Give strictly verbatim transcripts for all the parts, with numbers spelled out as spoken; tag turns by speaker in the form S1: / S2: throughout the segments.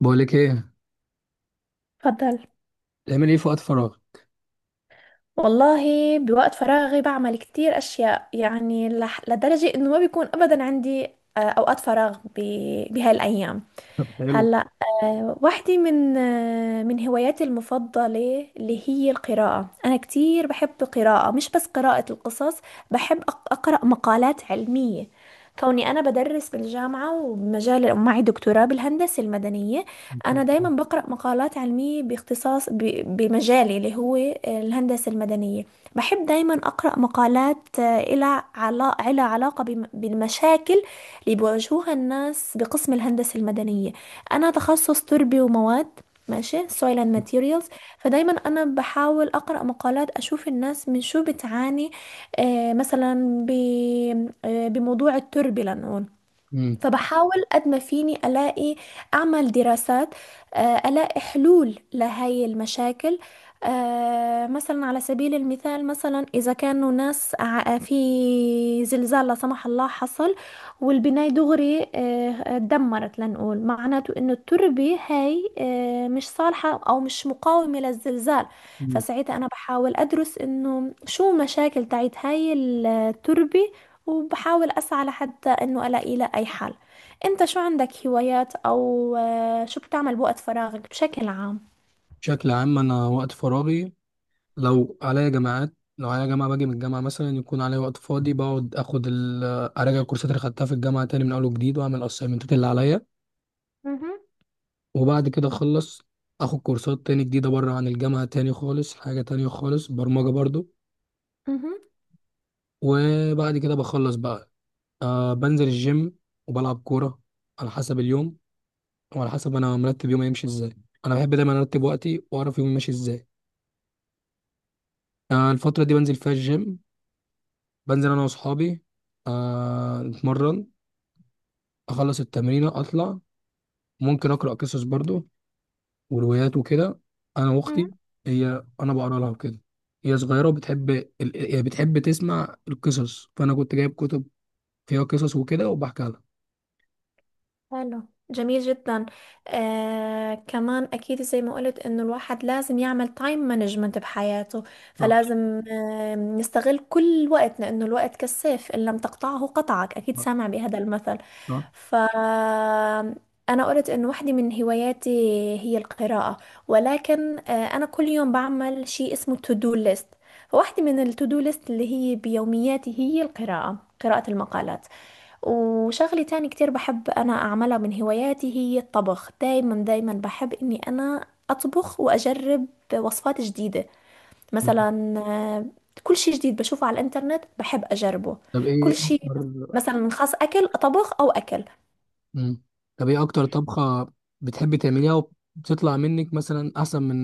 S1: بقولك ايه؟
S2: اتفضل.
S1: تعمل ايه في وقت فراغ؟
S2: والله، بوقت فراغي بعمل كتير أشياء. يعني لح... لدرجة إنه ما بيكون أبدا عندي آه، أوقات فراغ ب... بهاي الأيام.
S1: حلو.
S2: هلا. آه، واحدة من آه، من هواياتي المفضلة اللي هي القراءة. أنا كتير بحب القراءة، مش بس قراءة القصص. بحب أق- أقرأ مقالات علمية، كوني أنا بدرس بالجامعة ومجال ومعي دكتوراه بالهندسة المدنية. أنا دايما بقرأ مقالات علمية باختصاص ب- بمجالي اللي هو الهندسة المدنية. بحب دايما أقرأ مقالات آه، إلها علا- إلها علاقة بم- بالمشاكل اللي بيواجهوها الناس بقسم الهندسة المدنية. انا تخصص تربي ومواد، ماشي soil and materials. فدايما انا بحاول اقرا مقالات اشوف الناس من شو بتعاني. آه مثلا ب- آه، بموضوع التربه لنقول.
S1: امم.
S2: فبحاول قد ما فيني ألاقي، أعمل دراسات، آه، ألاقي حلول لهاي المشاكل. آه، مثلا على سبيل المثال، مثلا إذا كانوا ناس ع- في زلزال لا سمح الله حصل والبناية دغري آه، اتدمرت، لنقول معناته إنه التربة هاي آه، مش صالحة أو مش مقاومة للزلزال.
S1: أمم.
S2: فساعتها أنا بحاول أدرس إنه شو مشاكل تاعت هاي التربة، وبحاول أسعى لحتى إنه ألاقي له أي حل. أنت شو عندك هوايات، أو آه، شو بتعمل بوقت فراغك بشكل عام؟
S1: بشكل عام انا وقت فراغي، لو عليا جامعات لو عليا جامعه باجي من الجامعه، مثلا يكون عليا وقت فاضي، بقعد اخد ال- اراجع الكورسات اللي خدتها في الجامعه تاني من اول وجديد، واعمل الاسايمنتات اللي عليا.
S2: مهم.
S1: وبعد كده اخلص، اخد كورسات تاني جديده بره عن الجامعه، تاني خالص حاجه تانية خالص، برمجه برضو.
S2: مهم.
S1: وبعد كده بخلص بقى. أه بنزل الجيم وبلعب كوره، على حسب اليوم وعلى حسب انا مرتب يومي يمشي ازاي. انا بحب دايما ارتب وقتي واعرف يومي ماشي ازاي. آه الفتره دي بنزل فيها الجيم، بنزل انا واصحابي، آه نتمرن، اخلص التمرينه اطلع. ممكن اقرا قصص برضو وروايات وكده، انا واختي. هي، انا بقرا لها وكده. هي صغيره وبتحب ال... هي بتحب تسمع القصص، فانا كنت جايب كتب فيها قصص وكده وبحكي لها.
S2: حلو. جميل جدا. آه كمان اكيد زي ما قلت انه الواحد لازم يعمل تايم مانجمنت بحياته،
S1: صح،
S2: فلازم آه نستغل كل وقت، لانه الوقت كالسيف ان لم تقطعه قطعك. اكيد
S1: صح،
S2: سامع بهذا المثل.
S1: صح.
S2: ف انا قلت انه واحدة من هواياتي هي القراءة. ولكن آه انا كل يوم بعمل شيء اسمه تو دو ليست. فواحدة من التو دو ليست اللي هي بيومياتي هي القراءة، قراءة المقالات. وشغلة تاني كتير بحب أنا أعملها من هواياتي هي الطبخ. دايما دايما بحب إني أنا أطبخ وأجرب وصفات جديدة. مثلا آه، كل شي جديد بشوفه على الإنترنت بحب أجربه.
S1: طب ايه
S2: كل شي
S1: اكتر.
S2: مثلا، خاص أكل، أطبخ أو أكل.
S1: مم. طب ايه اكتر طبخة بتحبي تعمليها، وبتطلع منك مثلا احسن من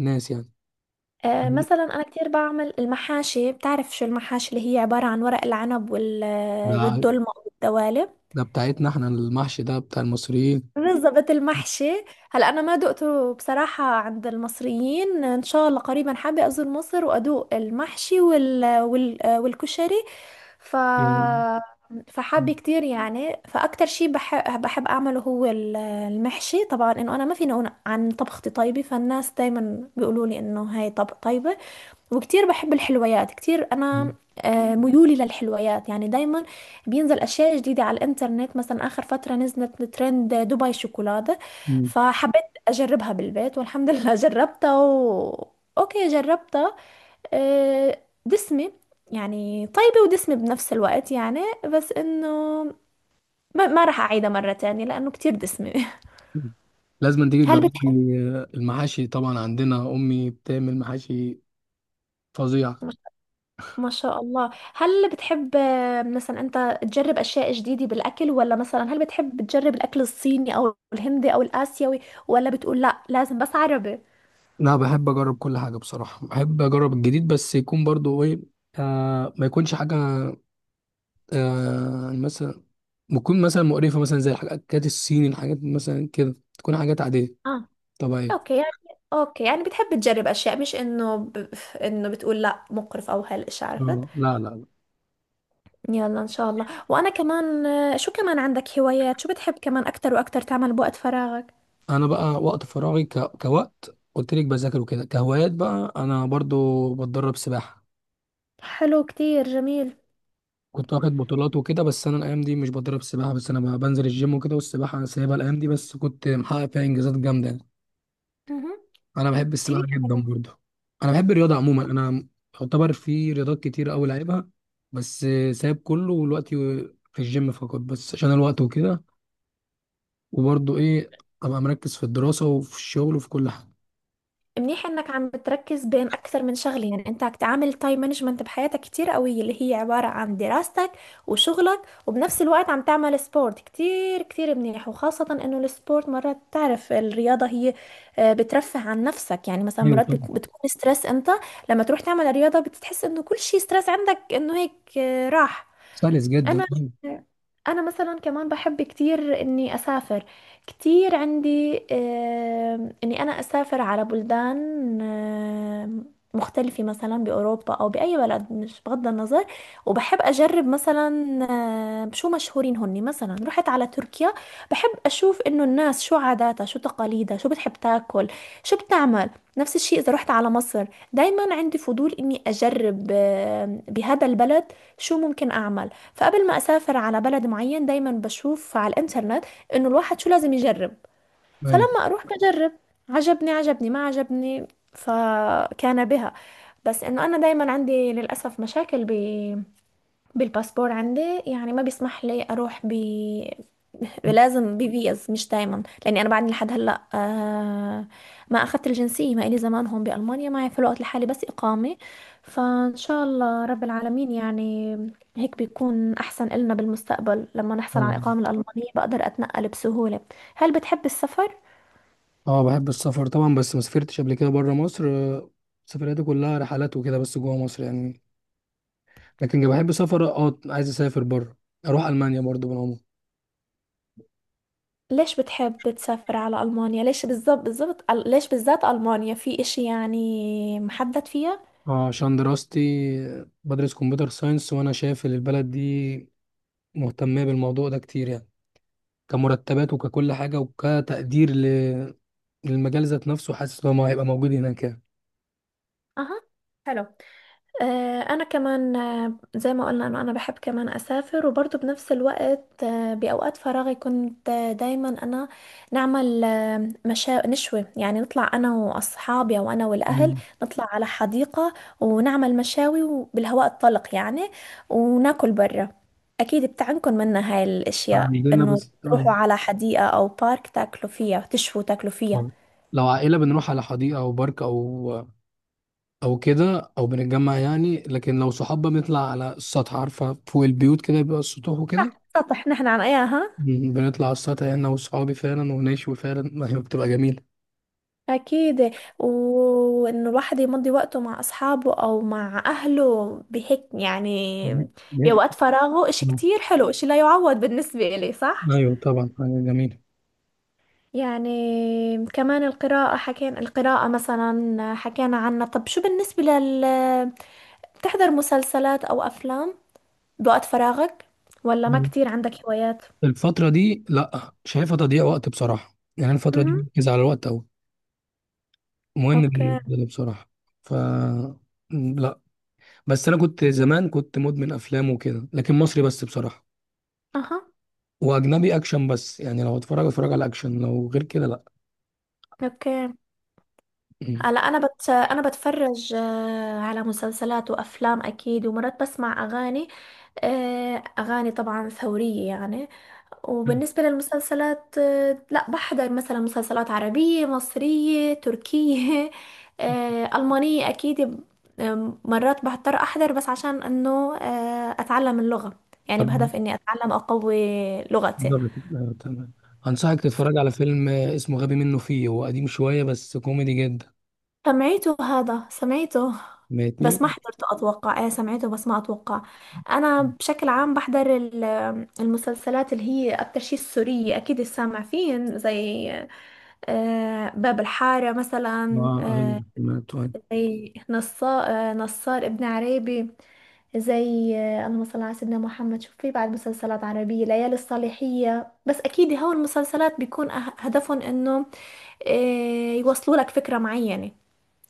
S1: الناس يعني؟
S2: آه،
S1: مم.
S2: مثلا أنا كتير بعمل المحاشي. بتعرف شو المحاشي؟ اللي هي عبارة عن ورق العنب وال- آه،
S1: ده
S2: والدلمة والدوالب.
S1: ده بتاعتنا احنا، المحشي ده بتاع المصريين.
S2: بالظبط، المحشي. هلا انا ما دقته بصراحه عند المصريين. ان شاء الله قريبا حابه ازور مصر وادوق المحشي وال... وال... والكشري. ف
S1: مم.
S2: فحابه كتير يعني. فاكتر شيء بحب بحب اعمله هو ال- المحشي طبعا. انه انا ما فيني اقول عن طبختي طيبه، فالناس دايما بيقولوا لي انه هاي طب طيبه. وكتير بحب الحلويات كتير
S1: مم.
S2: انا، آه، ميولي للحلويات يعني. دايما بينزل اشياء جديدة على الانترنت. مثلا اخر فترة نزلت ترند دبي شوكولاتة،
S1: مم.
S2: فحبيت اجربها بالبيت والحمد لله جربتها و... اوكي جربتها. آه، دسمة، يعني طيبة ودسمة بنفس الوقت يعني. بس انه ما, ما راح اعيدها مرة تانية، لانه كتير دسمة
S1: لازم تيجي
S2: هل
S1: تجربي المحاشي طبعا، عندنا امي بتعمل محاشي فظيع.
S2: بتحب ما شاء الله. هل بتحب آه، مثلا انت تجرب اشياء جديدة بالاكل؟ ولا مثلا هل بتحب تجرب الاكل الصيني او الهندي او الاسيوي؟ ولا بتقول لا لازم بس عربي؟
S1: انا بحب اجرب كل حاجه بصراحه، بحب اجرب الجديد، بس يكون برضو ايه، آه ما يكونش حاجه، آه مثلا بتكون مثلا مقرفة، مثلا زي الحاجات الصيني، الحاجات مثلا كده تكون حاجات عادية
S2: اه.
S1: طبيعية.
S2: اوكي يعني، اوكي يعني بتحب تجرب اشياء، مش انه ب... انه بتقول لا مقرف او هالاشي، عرفت.
S1: اه، لا، لا، لا.
S2: يلا ان شاء الله. وانا كمان، آه، شو كمان عندك هوايات؟ شو بتحب كمان اكتر واكتر تعمل بوقت فراغك؟
S1: أنا بقى وقت فراغي ك... كوقت قلت لك، بذاكر وكده. كهوايات بقى، أنا برضو بتدرب سباحة،
S2: حلو كتير جميل.
S1: كنت واخد بطولات وكده. بس أنا الأيام دي مش بتدرب سباحة، بس أنا بقى بنزل الجيم وكده. والسباحة أنا سايبها الأيام دي، بس كنت محقق فيها إنجازات جامدة يعني.
S2: مهم.
S1: أنا بحب السباحة
S2: كتير
S1: جدا
S2: حلو.
S1: برضو. أنا بحب الرياضة عموما. أنا يعتبر في رياضات كتير أوي لعبها، بس سايب كله ودلوقتي في الجيم فقط، بس عشان الوقت وكده. وبرضه ايه، ابقى مركز في الدراسة وفي الشغل وفي كل حاجة.
S2: منيح انك عم بتركز بين اكثر من شغله. يعني انت عم تعمل تايم مانجمنت بحياتك كتير قويه، اللي هي عباره عن دراستك وشغلك، وبنفس الوقت عم تعمل سبورت كتير. كتير منيح وخاصه انه السبورت مرات، تعرف الرياضه هي آه، بترفه عن نفسك. يعني مثلا
S1: ايوه
S2: مرات
S1: طبعا.
S2: بت- بتكون ستريس انت، لما تروح تعمل رياضه بتحس انه كل شيء ستريس عندك انه هيك آه، راح.
S1: سلس جدا
S2: انا
S1: ايوه.
S2: انا مثلا كمان بحب كتير اني اسافر. كتير عندي، آم، اني انا اسافر على بلدان آم، مختلفة، مثلا بأوروبا أو بأي بلد، مش بغض النظر. وبحب أجرب مثلا آم، شو مشهورين هني. مثلا رحت على تركيا، بحب أشوف إنه الناس شو عاداتها، شو تقاليدها، شو بتحب تاكل، شو بتعمل. نفس الشيء إذا رحت على مصر. دايما عندي فضول إني أجرب آم، بهذا البلد شو ممكن أعمل. فقبل ما اسافر على بلد معين دايما بشوف على الانترنت انه الواحد شو لازم يجرب.
S1: أيوة.
S2: فلما اروح بجرب. عجبني عجبني، ما عجبني، فكان بها. بس انه انا دايما عندي للاسف مشاكل ب بالباسبور عندي. يعني ما بيسمح لي اروح ب لازم بفيز مش دايما، لاني انا بعدني لحد هلا آه ما اخذت الجنسيه. ما الي زمان هون بالمانيا، معي في الوقت لحالي بس اقامه. فان شاء الله رب العالمين يعني هيك بيكون احسن إلنا بالمستقبل، لما نحصل على
S1: آه.
S2: الاقامه الالمانيه بقدر اتنقل بسهوله. هل بتحب السفر؟
S1: اه، بحب السفر طبعا، بس ما سافرتش قبل كده بره مصر. آه، سفرياتي كلها رحلات وكده بس جوه مصر يعني. لكن لو بحب سفر، اه، عايز اسافر بره، اروح المانيا برضو بالعموم.
S2: ليش بتحب تسافر على المانيا؟ ليش بالضبط، بالضبط ليش بالذات المانيا؟ في اشي يعني محدد فيها؟
S1: اه، عشان دراستي، آه، بدرس كمبيوتر ساينس، وانا شايف ان البلد دي مهتمه بالموضوع ده كتير يعني، كمرتبات وككل حاجه، وكتقدير ل- للمجال ذات نفسه. حاسس ان هو هيبقى موجود هناك
S2: اها. حلو. آه، انا كمان، آه، زي ما قلنا، انا انا بحب كمان اسافر. وبرضه بنفس الوقت آه، باوقات فراغي كنت آه، دايما انا نعمل آه، مشا نشوي يعني، نطلع انا واصحابي او انا والاهل،
S1: يعني.
S2: نطلع على حديقة ونعمل مشاوي وبالهواء الطلق يعني، وناكل برا. اكيد بتعنكم منا هاي الاشياء،
S1: عندنا
S2: انه
S1: بس آه.
S2: تروحوا على حديقة او بارك تاكلوا فيها، تشووا تاكلوا فيها.
S1: آه. لو عائلة بنروح على حديقة أو بارك أو أو كده، أو بنتجمع يعني. لكن لو صحاب بنطلع على السطح، عارفة؟ فوق البيوت كده بيبقى السطوح وكده.
S2: صح، سطح نحن عن اياها.
S1: م- بنطلع على السطح يعني، أنا وصحابي فعلا، ونشوي فعلا ما هي بتبقى جميلة.
S2: أكيد. وإن الواحد يمضي وقته مع أصحابه أو مع أهله بهيك، يعني
S1: بيبقى-
S2: بوقت فراغه إشي كتير حلو، إشي لا يعوض بالنسبة إلي، صح؟
S1: أيوة طبعا، حاجة جميلة.
S2: يعني كمان القراءة، حكينا القراءة مثلا، حكينا عنها. طب شو بالنسبة لل، بتحضر مسلسلات أو أفلام بوقت فراغك؟ ولا ما
S1: مم.
S2: كتير عندك هوايات؟
S1: الفترة دي لأ، شايفها تضييع وقت بصراحة يعني. الفترة دي
S2: امم.
S1: بركز على الوقت أوي، مهم
S2: أوكي.
S1: بالنسبة لي بصراحة. ف لأ. بس انا كنت زمان كنت مدمن افلام وكده، لكن مصري بس بصراحه،
S2: أها.
S1: واجنبي اكشن بس يعني. لو اتفرج اتفرج على اكشن، لو غير كده لا.
S2: أوكي.
S1: مم.
S2: هلا انا بت... انا بتفرج آه، على مسلسلات وافلام اكيد، ومرات بسمع اغاني. آه، اغاني طبعا ثورية يعني. وبالنسبة للمسلسلات آه، لا، بحضر مثلا مسلسلات عربية مصرية تركية آه، ألمانية أكيد ب- آم، مرات بضطر أحضر بس عشان إنه آه، أتعلم اللغة، يعني
S1: طب
S2: بهدف إني أتعلم أقوي لغتي.
S1: نقدر نت- آه، تمام. انصحك تتفرج على فيلم آه، اسمه غبي منه فيه، هو قديم شويه بس كوميدي جدا.
S2: سمعته، هذا سمعته
S1: ماشي.
S2: بس ما حضرته. أتوقع، إيه سمعته بس ما أتوقع. أنا بشكل عام بحضر ال- المسلسلات اللي هي أكتر شيء السورية. أكيد سامع فين، زي آه، باب الحارة
S1: اه،
S2: مثلا،
S1: ايوه،
S2: آه،
S1: سمعته، ايوه.
S2: زي نصار, آه، نصار ابن عريبي، زي آه، اللهم صل على سيدنا محمد. شوف في بعد مسلسلات عربية، ليالي الصالحية. بس أكيد هو المسلسلات بيكون أه- هدفهم إنه آه، يوصلوا لك فكرة معينة،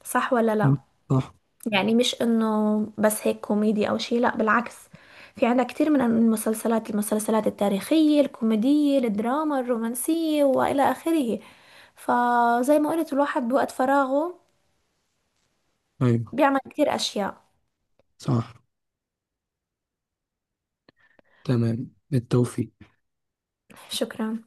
S2: صح ولا لا؟
S1: مم. صح.
S2: يعني مش انه بس هيك كوميدي او شيء، لا بالعكس. في عندنا كتير من المسلسلات، المسلسلات التاريخية، الكوميدية، الدراما، الرومانسية، والى اخره. فزي ما قلت الواحد بوقت فراغه
S1: ايوه،
S2: بيعمل كتير اشياء.
S1: صح. تمام، بالتوفيق.
S2: شكرا.